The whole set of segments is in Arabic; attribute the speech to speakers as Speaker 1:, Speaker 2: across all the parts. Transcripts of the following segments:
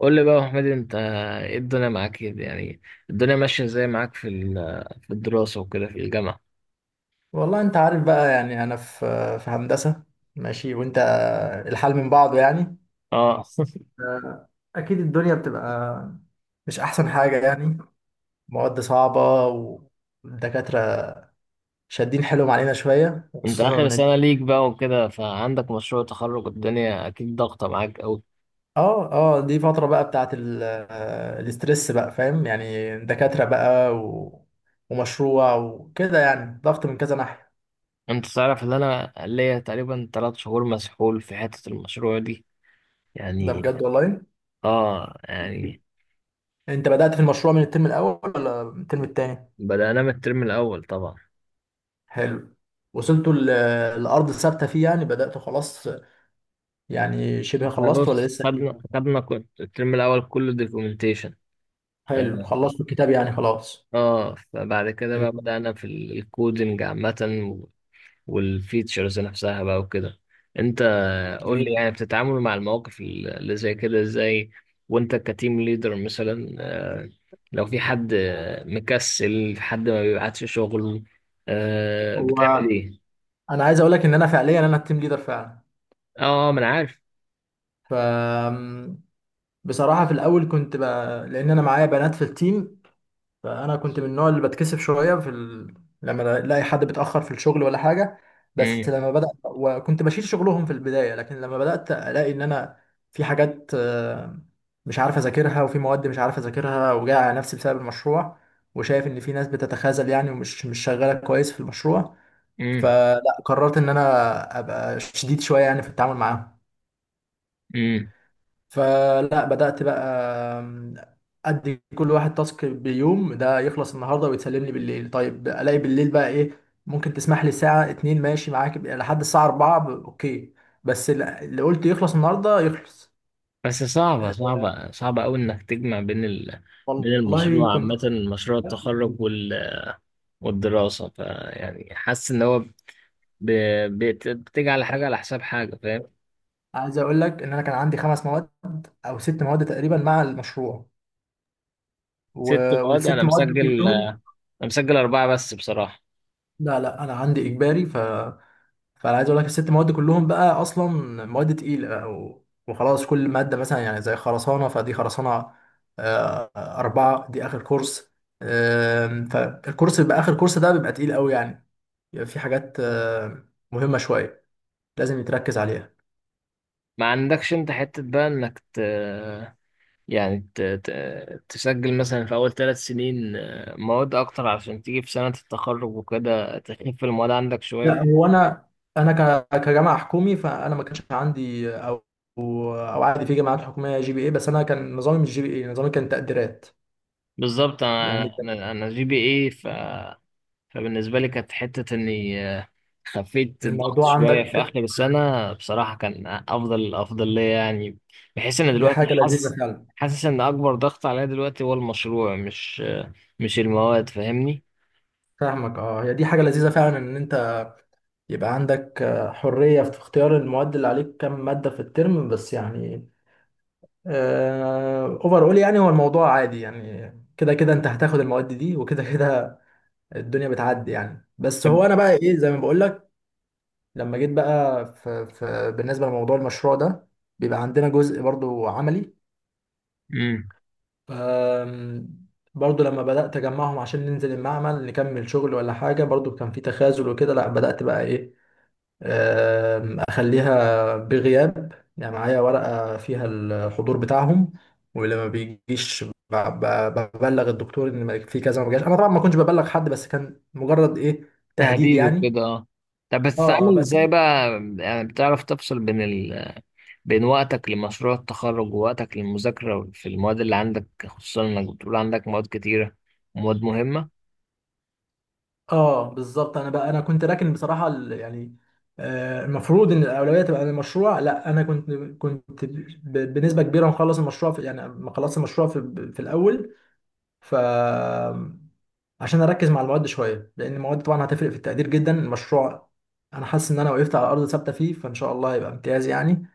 Speaker 1: قول لي بقى يا حميد، انت ايه الدنيا معاك ايه يعني؟ الدنيا ماشية ازاي معاك في الدراسة وكده في الجامعة؟
Speaker 2: والله انت عارف بقى، يعني انا في هندسة، ماشي. وانت الحال من بعضه يعني.
Speaker 1: اه
Speaker 2: آه، اكيد الدنيا بتبقى مش احسن حاجة يعني، مواد صعبة والدكاترة شادين حيلهم علينا شوية،
Speaker 1: انت
Speaker 2: وخصوصا
Speaker 1: اخر
Speaker 2: ان
Speaker 1: سنة ليك بقى وكده، فعندك مشروع تخرج، الدنيا اكيد ضاغطة معاك قوي.
Speaker 2: اه اه، دي فترة بقى بتاعت الاسترس بقى، فاهم يعني، دكاترة بقى ومشروع وكده، يعني ضغط من كذا ناحية.
Speaker 1: انت تعرف ان انا ليا تقريبا 3 شهور مسحول في حتة المشروع دي
Speaker 2: ده
Speaker 1: يعني.
Speaker 2: بجد والله؟
Speaker 1: اه يعني.
Speaker 2: انت بدأت في المشروع من الترم الاول ولا من الترم التاني؟
Speaker 1: بدأنا من الترم الاول طبعا.
Speaker 2: حلو. وصلتوا لأرض ثابتة فيه يعني، بدأتوا خلاص يعني، شبه
Speaker 1: احنا
Speaker 2: خلصت ولا
Speaker 1: بص،
Speaker 2: لسه فيه؟
Speaker 1: خدنا الترم الاول كله دوكيومنتيشن. اه.
Speaker 2: حلو، خلصتوا الكتاب يعني خلاص.
Speaker 1: فبعد كده بقى
Speaker 2: جميل.
Speaker 1: بدأنا في الكودينج عامة. والفيتشرز نفسها بقى وكده. انت قول لي
Speaker 2: جميل.
Speaker 1: يعني بتتعامل مع المواقف اللي زي كده ازاي وانت كتيم ليدر مثلا، لو في حد مكسل، في حد ما بيبعتش شغل، بتعمل
Speaker 2: هو
Speaker 1: ايه؟
Speaker 2: أنا عايز أقول لك إن أنا فعليا أنا التيم ليدر فعلا.
Speaker 1: اه، اه، ما انا عارف.
Speaker 2: ف بصراحة في الأول كنت لأن أنا معايا بنات في التيم، فانا كنت من النوع اللي بتكسف شويه لما الاقي حد بيتاخر في الشغل ولا حاجه. بس
Speaker 1: امم.
Speaker 2: لما بدات وكنت بشيل شغلهم في البدايه، لكن لما بدات الاقي ان انا في حاجات مش عارف اذاكرها، وفي مواد مش عارف اذاكرها، وجاي على نفسي بسبب المشروع، وشايف ان في ناس بتتخاذل يعني، ومش مش شغاله كويس في المشروع.
Speaker 1: امم.
Speaker 2: فلا قررت ان انا ابقى شديد شويه يعني في التعامل معاهم.
Speaker 1: امم.
Speaker 2: فلا بدأت بقى آم، أدي كل واحد تاسك بيوم، ده يخلص النهاردة ويتسلم لي بالليل. طيب، ألاقي بالليل بقى إيه؟ ممكن تسمح لي ساعة 2 ماشي معاك لحد الساعة 4 أوكي، بس اللي قلت يخلص النهاردة يخلص.
Speaker 1: بس صعبة
Speaker 2: آه،
Speaker 1: صعبة صعبة قوي انك تجمع بين بين
Speaker 2: والله
Speaker 1: المشروع
Speaker 2: كنت
Speaker 1: عامة، مشروع التخرج والدراسة. فيعني حاسس ان هو ب... بتيجي على حاجة على حساب حاجة، فاهم؟
Speaker 2: عايز أقول لك إن أنا كان عندي 5 مواد أو 6 مواد تقريبا مع المشروع.
Speaker 1: ست مواد؟
Speaker 2: والست مواد كلهم،
Speaker 1: انا مسجل اربعه بس بصراحه.
Speaker 2: لا لا، أنا عندي إجباري. فانا عايز اقول لك ال6 مواد كلهم بقى اصلا مواد تقيله بقى، وخلاص كل ماده مثلا يعني زي خرسانه، فدي خرسانه 4، دي آخر كورس. فالكورس بيبقى، آخر كورس ده بيبقى تقيل قوي يعني. بيبقى في حاجات مهمة شوية لازم يتركز عليها.
Speaker 1: ما عندكش انت حته بقى انك يعني تسجل مثلا في اول 3 سنين مواد اكتر، عشان تيجي في سنه التخرج وكده تخف المواد عندك شويه
Speaker 2: لا
Speaker 1: وكده.
Speaker 2: هو أنا أنا كجامعة حكومي، فأنا ما كانش عندي أو عادي في جامعات حكومية GPA. بس أنا كان نظامي مش GPA، نظامي كان تقديرات
Speaker 1: بالظبط،
Speaker 2: يعني.
Speaker 1: انا انا أنا جي بي اي، فبالنسبة لي كانت حتة إني خفيت الضغط
Speaker 2: الموضوع
Speaker 1: شوية
Speaker 2: عندك
Speaker 1: في آخر السنة بصراحة، كان أفضل ليا يعني. بحيث إن
Speaker 2: دي
Speaker 1: دلوقتي
Speaker 2: حاجة
Speaker 1: حاسس،
Speaker 2: لذيذة فعلا.
Speaker 1: إن أكبر ضغط عليا دلوقتي هو المشروع، مش المواد، فاهمني؟
Speaker 2: فاهمك، اه، هي دي حاجة لذيذة فعلا، ان انت يبقى عندك حرية في اختيار المواد اللي عليك، كم مادة في الترم بس يعني، اوفر اول. يعني هو الموضوع عادي يعني، كده كده انت هتاخد المواد دي، وكده كده الدنيا بتعدي يعني. بس هو
Speaker 1: طب-
Speaker 2: انا بقى ايه، زي ما بقول لك، لما جيت بقى في بالنسبة لموضوع المشروع ده، بيبقى عندنا جزء برضو عملي.
Speaker 1: مم.
Speaker 2: آم، برضو لما بدأت أجمعهم عشان ننزل المعمل نكمل شغل ولا حاجة، برضو كان في تخاذل وكده. لا بدأت بقى إيه، اخليها بغياب يعني، معايا ورقة فيها الحضور بتاعهم، ولما بيجيش ببلغ الدكتور ان في كذا ما جاش. انا طبعا ما كنتش ببلغ حد، بس كان مجرد ايه، تهديد
Speaker 1: تهديد
Speaker 2: يعني.
Speaker 1: وكده، اه. طب
Speaker 2: اه اه
Speaker 1: بتتعامل
Speaker 2: بس.
Speaker 1: ازاي بقى؟ يعني بتعرف تفصل بين بين وقتك لمشروع التخرج ووقتك للمذاكرة في المواد اللي عندك، خصوصا انك بتقول عندك مواد كتيرة ومواد مهمة ان
Speaker 2: اه بالظبط، انا بقى انا كنت راكن بصراحة يعني المفروض ان الاولويه تبقى للمشروع، لا انا كنت بنسبه كبيره مخلص المشروع في، يعني مخلص المشروع في الاول، ف عشان اركز مع المواد شويه، لان المواد طبعا هتفرق في التقدير جدا. المشروع انا حاسس ان انا وقفت على ارض ثابته فيه، فان شاء الله هيبقى امتياز يعني.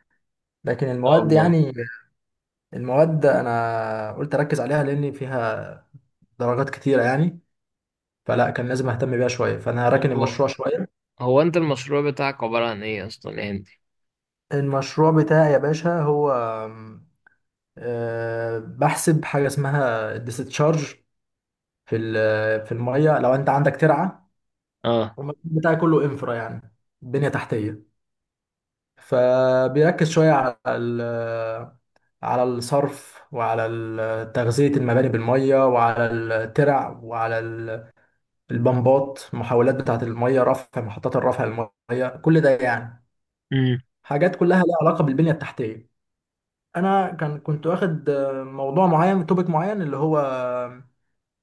Speaker 2: لكن
Speaker 1: شاء
Speaker 2: المواد
Speaker 1: الله.
Speaker 2: يعني، المواد انا قلت اركز عليها، لان فيها درجات كتيره يعني، فلا كان لازم اهتم بيها شويه، فانا
Speaker 1: طب،
Speaker 2: هراكن المشروع شويه.
Speaker 1: هو انت المشروع بتاعك عبارة عن ايه اصلا يا هندي؟
Speaker 2: المشروع بتاعي يا باشا هو آم، آه، بحسب حاجه اسمها الديستشارج في الميه. لو انت عندك ترعه،
Speaker 1: اه.
Speaker 2: المشروع بتاعي كله انفرا يعني، بنيه تحتيه، فبيركز شوية على الصرف، وعلى تغذية المباني بالمية، وعلى الترع، وعلى البمبات، محاولات بتاعة المية، رفع، محطات الرفع المية، كل ده يعني
Speaker 1: امم.
Speaker 2: حاجات كلها لها علاقة بالبنية التحتية. أنا كان كنت واخد موضوع معين، توبيك معين، اللي هو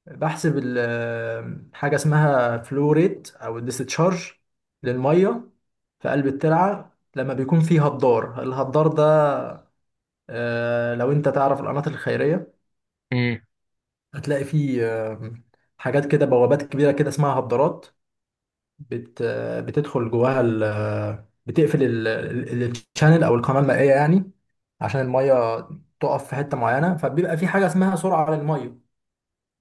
Speaker 2: بحسب حاجة اسمها فلو ريت أو الديستشارج للمية في قلب الترعة، لما بيكون فيه هدار. الهدار ده لو انت تعرف القناة الخيرية،
Speaker 1: امم.
Speaker 2: هتلاقي في آه، حاجات كده، بوابات كبيرة كده اسمها هبارات، بت آه، بتدخل جواها بتقفل الشانل او القناة المائية يعني، عشان المية تقف في حتة معينة. فبيبقى في حاجة اسمها سرعة على المية،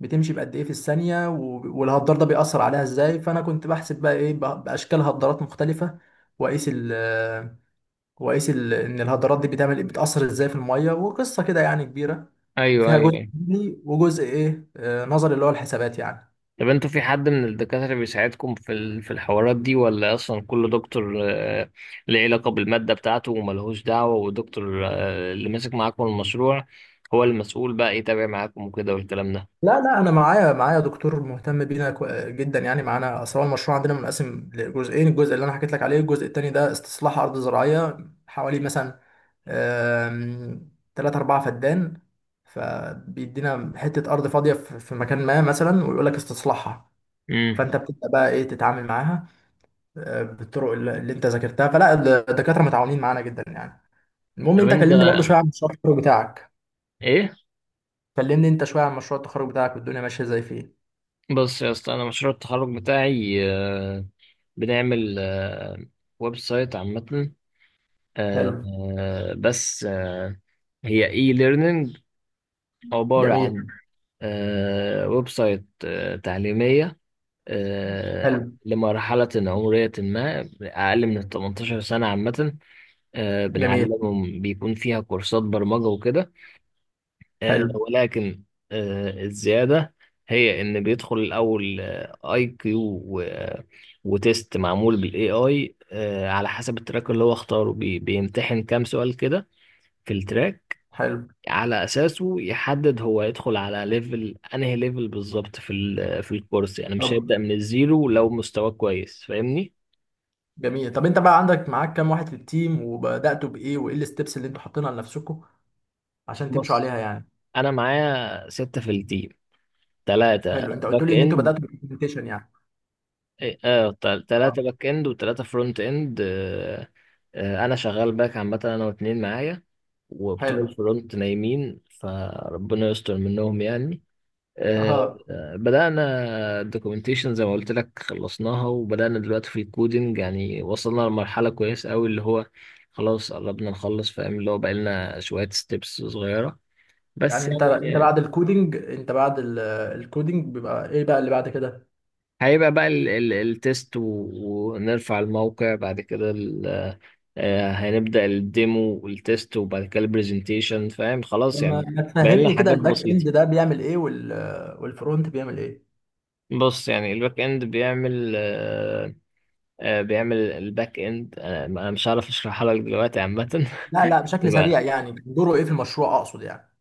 Speaker 2: بتمشي بقد ايه في الثانية. والهدار ده بيأثر عليها ازاي؟ فانا كنت بحسب بقى ايه، بأشكال هدارات مختلفة، واقيس وقيس ان الهدرات دي بتعمل، بتأثر ازاي في المية. وقصة كده يعني كبيرة،
Speaker 1: ايوه،
Speaker 2: فيها
Speaker 1: ايوه،
Speaker 2: جزء
Speaker 1: ايوه.
Speaker 2: علمي وجزء ايه نظري، اللي هو الحسابات يعني.
Speaker 1: طب انتوا في حد من الدكاترة بيساعدكم في الحوارات دي، ولا اصلا كل دكتور ليه علاقة بالمادة بتاعته وملهوش دعوة، والدكتور اللي ماسك معاكم المشروع هو المسؤول بقى يتابع معاكم وكده والكلام ده؟
Speaker 2: لا لا، انا معايا دكتور مهتم بينا جدا يعني معانا، اصل هو المشروع عندنا منقسم لجزئين. الجزء اللي انا حكيت لك عليه، الجزء التاني ده استصلاح ارض زراعية حوالي مثلا، 3 4 فدان، فبيدينا حتة أرض فاضية في مكان ما مثلا، ويقول لك استصلاحها.
Speaker 1: امم.
Speaker 2: فأنت بتبدأ بقى إيه، تتعامل معاها بالطرق اللي انت ذاكرتها. فلا الدكاتره متعاونين معانا جدا يعني. المهم
Speaker 1: طب
Speaker 2: انت
Speaker 1: انت
Speaker 2: كلمني برضو شويه عن مشروع التخرج بتاعك.
Speaker 1: ايه؟
Speaker 2: كلمني انت شويه عن مشروع التخرج بتاعك، والدنيا ماشيه ازاي فيه.
Speaker 1: بص يا اسطى، انا مشروع التخرج بتاعي بنعمل ويب سايت عامة،
Speaker 2: حلو.
Speaker 1: آه، آه، بس آه، هي اي ليرنينج عبارة
Speaker 2: جميل.
Speaker 1: عن ويب سايت تعليمية
Speaker 2: حلو.
Speaker 1: لمرحلة عمرية ما أقل من ال 18 سنة عامة.
Speaker 2: جميل.
Speaker 1: بنعلمهم، بيكون فيها كورسات برمجة وكده،
Speaker 2: حلو.
Speaker 1: ولكن الزيادة هي إن بيدخل الأول أي كيو وتيست معمول بالاي اي على حسب التراك اللي هو اختاره، بيمتحن كام سؤال كده في التراك،
Speaker 2: حلو.
Speaker 1: على اساسه يحدد هو يدخل على ليفل انهي ليفل بالظبط في الكورس، يعني
Speaker 2: طب.
Speaker 1: مش هيبدأ من الزيرو لو مستواه كويس، فاهمني؟
Speaker 2: جميل. طب انت بقى عندك معاك كام واحد في التيم، وبداتوا بايه، وايه الستبس اللي انتوا حاطينها لنفسكم عشان تمشوا
Speaker 1: بص،
Speaker 2: عليها يعني.
Speaker 1: انا معايا ستة في التيم، ثلاثة
Speaker 2: حلو، انت قلت
Speaker 1: باك
Speaker 2: لي ان انتوا
Speaker 1: اند.
Speaker 2: بداتوا بالبرزنتيشن يعني.
Speaker 1: اه. ثلاثة
Speaker 2: اه.
Speaker 1: باك اند وثلاثة فرونت اند. انا شغال باك عامة، انا واتنين معايا، وبتوع
Speaker 2: حلو.
Speaker 1: الفرونت نايمين فربنا يستر منهم يعني. آه،
Speaker 2: اه
Speaker 1: بدأنا الدوكيومنتيشن زي ما قلت لك، خلصناها وبدأنا دلوقتي في الكودينج، يعني وصلنا لمرحلة كويسة أوي، اللي هو خلاص قربنا نخلص فاهم، اللي هو بقالنا شوية ستيبس صغيرة بس
Speaker 2: يعني، انت
Speaker 1: يعني.
Speaker 2: بعد الكودينج، انت بعد الكودينج بيبقى ايه بقى اللي بعد كده؟
Speaker 1: هيبقى بقى التست ونرفع الموقع، بعد كده هنبدأ الديمو والتست، وبعد كده البرزنتيشن فاهم خلاص
Speaker 2: لما
Speaker 1: يعني،
Speaker 2: ما
Speaker 1: بقالنا
Speaker 2: تفهمني كده
Speaker 1: حاجات
Speaker 2: الباك
Speaker 1: بسيطة.
Speaker 2: اند ده بيعمل ايه، والفرونت بيعمل ايه؟
Speaker 1: بص، يعني الباك اند بيعمل الباك اند، أنا مش هعرف اشرحها لك دلوقتي عامه.
Speaker 2: لا لا، بشكل سريع
Speaker 1: يبقى،
Speaker 2: يعني، دوره ايه في المشروع اقصد يعني.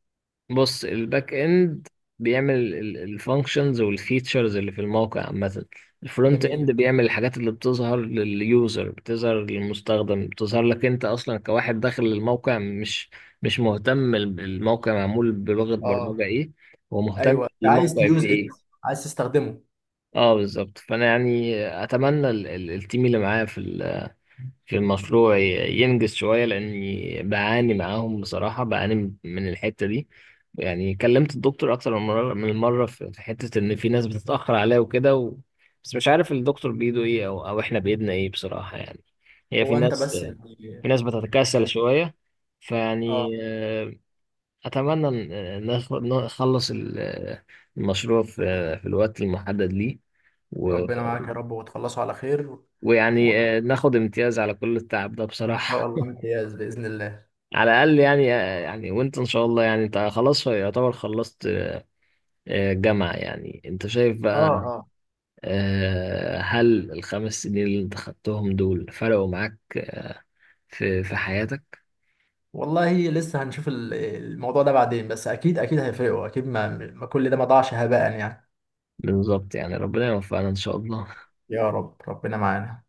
Speaker 1: بص الباك اند بيعمل الفانكشنز والفيتشرز اللي في الموقع عامه. الفرونت اند
Speaker 2: جميل.
Speaker 1: بيعمل الحاجات اللي بتظهر لليوزر، بتظهر للمستخدم، بتظهر لك انت اصلا كواحد داخل الموقع، مش مهتم الموقع معمول بلغه برمجه
Speaker 2: اه.
Speaker 1: ايه، هو مهتم
Speaker 2: ايوه انت عايز
Speaker 1: الموقع في
Speaker 2: تيوز ات،
Speaker 1: ايه.
Speaker 2: عايز تستخدمه.
Speaker 1: اه بالظبط، فانا يعني اتمنى التيم اللي معايا في المشروع ينجز شوية، لأني بعاني معاهم بصراحة، بعاني من الحتة دي يعني. كلمت الدكتور أكتر من مرة في حتة إن في ناس بتتأخر عليا وكده بس مش عارف الدكتور بإيده إيه أو إحنا بإيدنا إيه بصراحة يعني. هي في
Speaker 2: هو انت
Speaker 1: ناس،
Speaker 2: بس يعني،
Speaker 1: بتتكاسل
Speaker 2: يعني-
Speaker 1: شوية،
Speaker 2: اه
Speaker 1: فيعني أتمنى إن نخلص المشروع في الوقت المحدد ليه و...
Speaker 2: ربنا معاك يا رب، وتخلصوا على خير.
Speaker 1: ويعني
Speaker 2: وان
Speaker 1: ناخد امتياز على كل التعب ده
Speaker 2: شاء
Speaker 1: بصراحة
Speaker 2: الله امتياز باذن الله.
Speaker 1: على الاقل يعني. يعني وانت ان شاء الله، يعني انت خلاص يعتبر خلصت جامعة، يعني انت شايف
Speaker 2: اه
Speaker 1: بقى،
Speaker 2: اه.
Speaker 1: هل ال 5 سنين اللي انت خدتهم دول فرقوا معاك في حياتك؟
Speaker 2: والله لسه هنشوف الموضوع ده بعدين، بس اكيد اكيد هيفرقوا اكيد، ما كل ده ما ضاعش هباء يعني.
Speaker 1: بالظبط يعني، ربنا يوفقنا ان شاء الله.
Speaker 2: يا رب ربنا معانا.